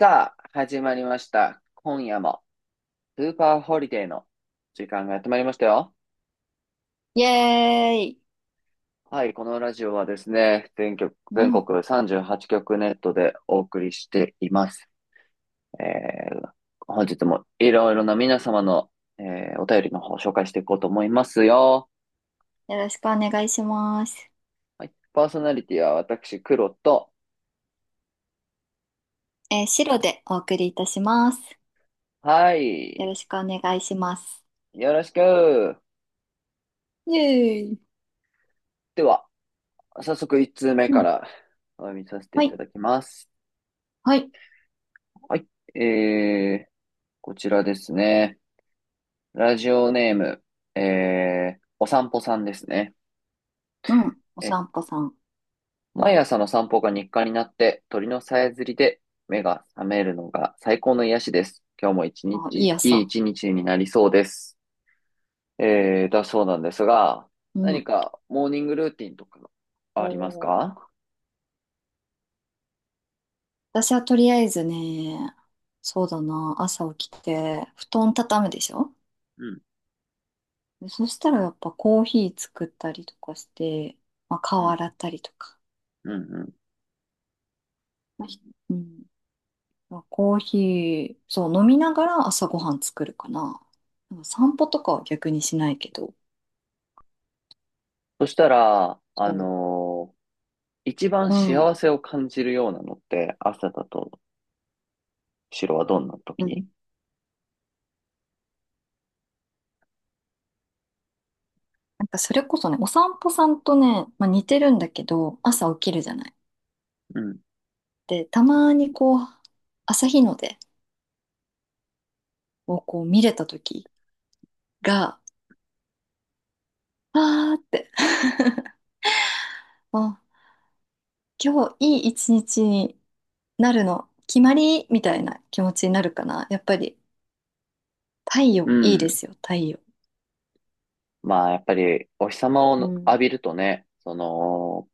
さあ、始まりました。今夜も、スーパーホリデーの時間がやってまいりましたよ。イエーイ。はい、このラジオはですね、全局、う全ん。国38局ネットでお送りしています。えー、本日もいろいろな皆様の、えお便りの方を紹介していこうと思いますよ。よろしくお願いします。はい、パーソナリティは私、黒と、白でお送りいたします。はよい、ろしくお願いします。よろしく。イエーイ。では、早速1通目うかん。らお読みさせてはいたい。だきます。はい。はい。えー、こちらですね。ラジオネーム、お散歩さんですね。うん。おえ、散歩さん。毎朝の散歩が日課になって、鳥のさえずりで目が覚めるのが最高の癒しです。今日も一あ、い日、いいい朝。一日になりそうです。だそうなんですが、うん。何かモーニングルーティンとかおありますー、か？私はとりあえずね、そうだな、朝起きて、布団畳むでしょ。うん、でそしたらやっぱコーヒー作ったりとかして、まあ、う顔ん、洗ったりとか。うん、うん。まあひうん。まあ、コーヒー、そう、飲みながら朝ごはん作るかな。なんか散歩とかは逆にしないけど。そしたら、そ一番う。うん。幸せを感じるようなのって朝だと、白はどんなうん。時？なんかそれこそね、お散歩さんとね、まあ、似てるんだけど、朝起きるじゃない。うん。で、たまにこう、朝日の出をこう見れた時が、あーって、あ、今日いい一日になるの、決まりみたいな気持ちになるかな。やっぱり、太う陽いいでん。すよ、太陽。まあ、やっぱり、お日様をうん。浴びるとね、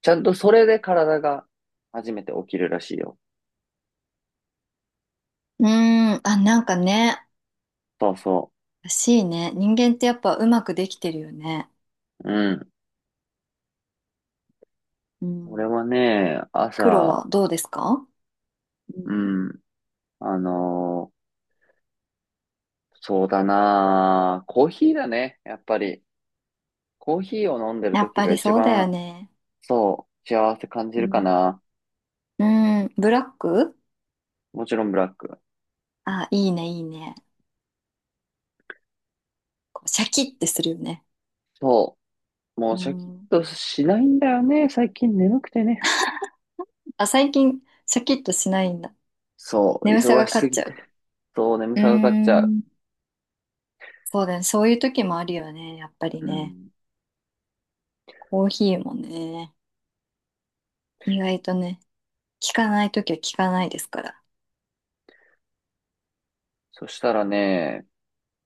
ちゃんとそれで体が初めて起きるらしいよ。うーん、あ、なんかね、そうそらしいね。人間ってやっぱうまくできてるよね。う。うん。う俺ん。はね、黒朝、はどうですか？ううん。ん、あのーそうだなーコーヒーだね、やっぱり。コーヒーを飲んでるやっ時ぱがり一そうだよ番、ね。そう、幸せ感じうるかん。な。うん。ブラック。もちろんブラック。あ、いいね、いいね。こうシャキッてするよね。そう。もううシャキッん。としないんだよね。最近眠くてね。あ、最近、シャキッとしないんだ。そう、眠さが忙し勝すっぎちゃて。う。そう、眠うーさがかかっちゃう。ん。そうだね。そういう時もあるよね。やっぱりうね。ん。コーヒーもね。意外とね、効かない時は効かないですから。そしたらね、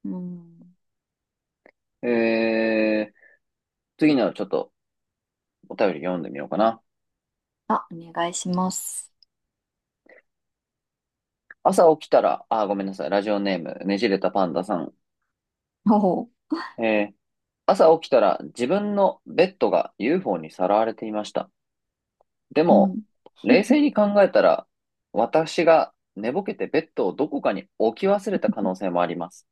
うん。えー、次のちょっとお便り読んでみようかな。あ、お願いします。朝起きたら、あー、ごめんなさい。ラジオネーム、ねじれたパンダさん。おお。えー、朝起きたら自分のベッドが UFO にさらわれていました。でうも、ん。冷静に考えたら、私が寝ぼけてベッドをどこかに置き忘れた可能性もあります。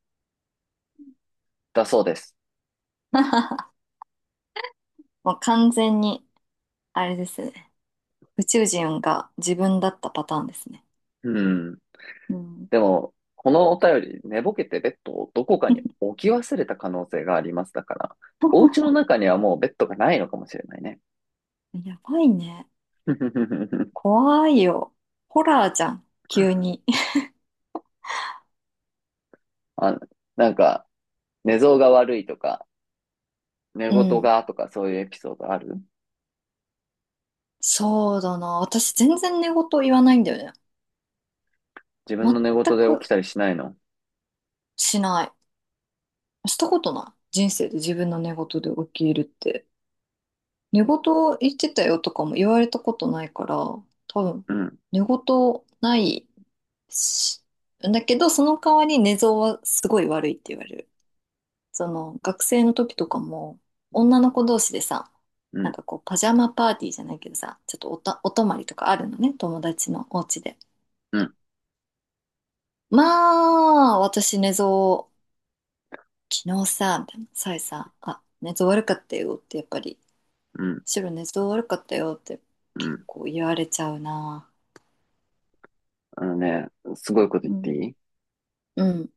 だそうです。もう完全に、あれですね。宇宙人が自分だったパターンですね。うん。うん。でも、このお便り、寝ぼけてベッドをどこかに 置き忘れた可能性があります。だから、お家の中にはもうベッドがないのかもしれないね。やばいね。怖いよ。ホラーじゃん。急に。あ、なんか、寝相が悪いとか、寝う言ん。がとかそういうエピソードある？そうだな。私全然寝言言わないんだよね。自分全の寝言で起きくたりしないの？しない。したことない。人生で自分の寝言で起きるって。寝言言ってたよとかも言われたことないから、多分、うん、寝言ないし。だけど、その代わり寝相はすごい悪いって言われる。その学生の時とかも、女の子同士でさ、うなんん、かこうパジャマパーティーじゃないけどさ、ちょっとおた、お泊まりとかあるのね、友達のお家で。うん、まあ、私寝相、昨日さ、みたいな、さえさ、あ、寝相悪かったよって、やっぱり、うん、白寝相悪かったよってう結ん。構言われちゃうな。あのね、すごいこと言うっていん。い？うん。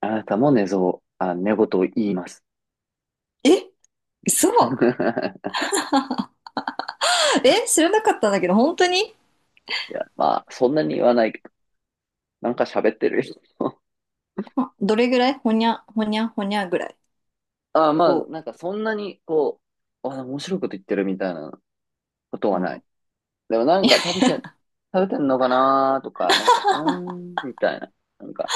あなたも寝相、あ、寝言を言います。え、 嘘？ え、知らなかったんだけど、本当に？いや、まあ、そんなに言わないけど、なんか喋ってる。あ、どれぐらい？ほにゃぐらい？ああ、まあ、こなんかそんなに、こう、あ、面白いこと言ってるみたいなことう、うはない。ん。でもなんか食べてんのかなーとか、なんか、うーん、みたいな。なんか、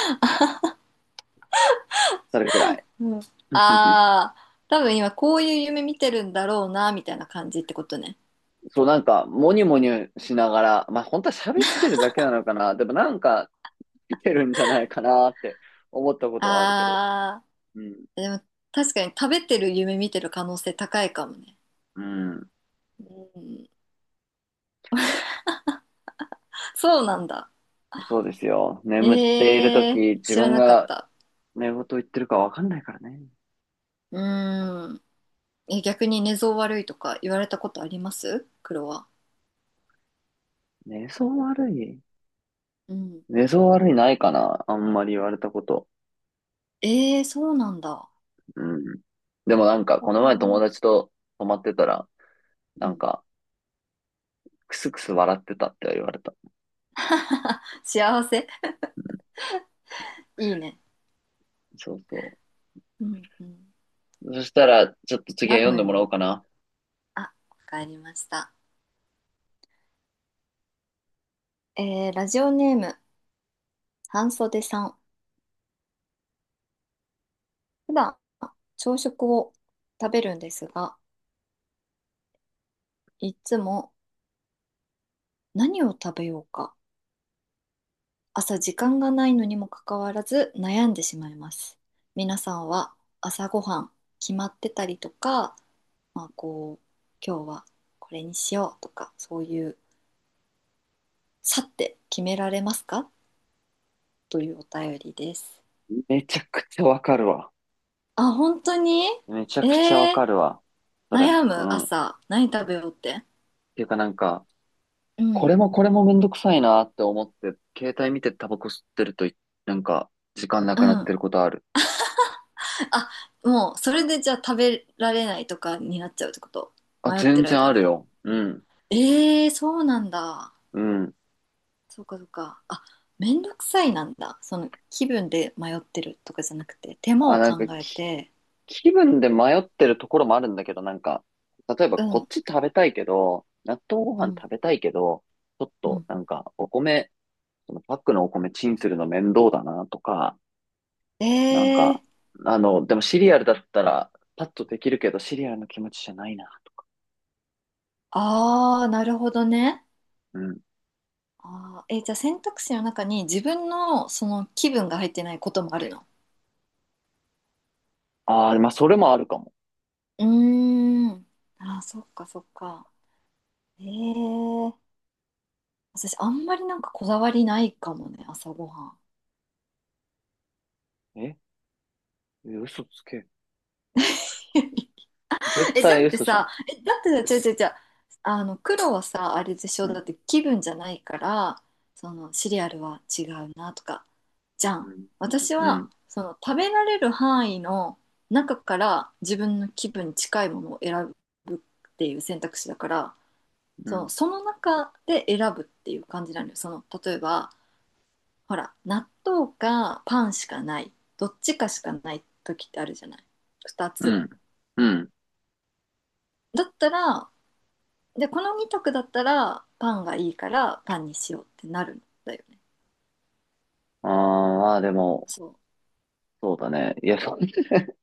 それくらい。うん、あ あ、多分今こういう夢見てるんだろうな、みたいな感じってことね。そう、なんか、もにもにしながら、まあ、本当は喋ってるだけなのかな。でもなんか、出てるんじゃないかなーって思ったことはあるけど。ああ、うん。でも確かに食べてる夢見てる可能性高いかもね。うん。うん、そうなんだ。そうですよ。眠っているとえき、え、自知ら分なかっがた。寝言言ってるかわかんないからね。うーん。え、逆に寝相悪いとか言われたことあります、黒は？寝相悪い？うん。寝相悪いないかな、あんまり言われたこと。ええ、そうなんだ。うん。でもなんか、うこの前友ん。達と泊まってたら、うなんん、か、クスクス笑ってたって言われた。幸せ。うん。いいね。そうそうんうん。う。そしたら、ちょっと次は何読んのでも夢らおのうか時？な。あ、わかりました。えー、ラジオネーム、半袖さん。普段、朝食を食べるんですが、いつも何を食べようか、朝時間がないのにもかかわらず悩んでしまいます。皆さんは朝ごはん決まってたりとか、まあこう、今日はこれにしようとか、そういう、さって決められますか、というお便りです。めちゃくちゃわかるわ。あ、本当に？めちゃえくちゃわー、かるわ。それ。悩うむん。っ朝、何食べようって。ていうかなんか、うこん。れもこれもめんどくさいなって思って、携帯見てタバコ吸ってるとい、なんか、時間なうくなってん。ることある。あ、もう、それでじゃあ食べられないとかになっちゃうってこと？あ、迷って全る然間あるに。よ。うん。ええー、そうなんだ。うん。そうかそうか。あ、めんどくさいなんだ。その気分で迷ってるとかじゃなくて、手間あ、をなんか考えて、気分で迷ってるところもあるんだけど、なんか、例えばうこっん、ち食べたいけど、納豆ごう飯食ん、べたいけど、ちょっうとん。なんかお米、そのパックのお米チンするの面倒だなとか、えなんえか、ー、でもシリアルだったらパッとできるけど、シリアルの気持ちじゃないなと。あー、なるほどね。うん。あー、えー、じゃあ選択肢の中に自分のその気分が入ってないこともあるの？ああ、まあそれもあるかも。うーん。あー、そっかそっか。ええ、私、あんまりなんかこだわりないかもね、朝ごはん。ええ嘘つけ。絶え、だっ対て嘘じゃん。さ、え、だってさ、違う、違う、違う。あの、黒はさ、あれでしうょ、ん。だって気分じゃないから、その、シリアルは違うなとか、じゃうん。ん。私うは、ん。その、食べられる範囲の中から自分の気分に近いものを選ぶっていう選択肢だから、うそん。の、その中で選ぶっていう感じなのよ。その、例えば、ほら、納豆かパンしかない、どっちかしかない時ってあるじゃない。2うつ。ん。うん。だったら、で、この2択だったら、パンがいいからパンにしようってなるんだよね。ああ、まあでも、そう。そうだね。いや、そ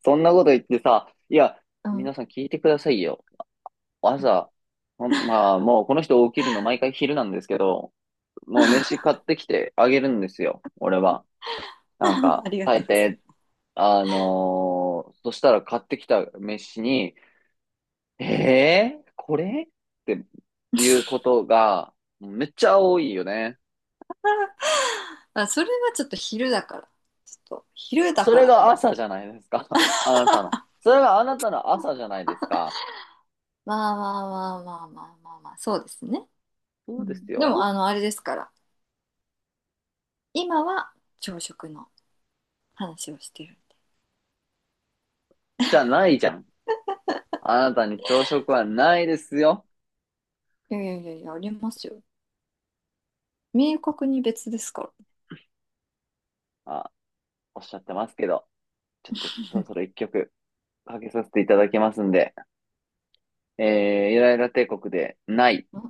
そんなこと言ってさ、いや、うん。皆さん聞いてくださいよ。うん。朝、ほんまあもうこの人起きるの毎回昼なんですけど、もう飯買ってきてあげるんですよ、俺は。なん か、ありがと大うござ抵、いそしたら買ってきた飯に、これっていうことがめっちゃ多いよね。ます。あ、それはちょっと昼だから。ちょっと昼だそかれらかがもし朝れじない。ゃないですか。あなたの。それがあなたの朝じゃないですか。まあ、そうですね。そううでん、すでも、よ。あの、あれですから、今は朝食の話をしてる。じゃないじゃん。あなたに朝食はないですよ。いやいやいやいや、ありますよ。明確に別ですから。あ、おっしゃってますけど、ちょっとそろそろ一曲かけさせていただきますんで、イライラ帝国でない。あ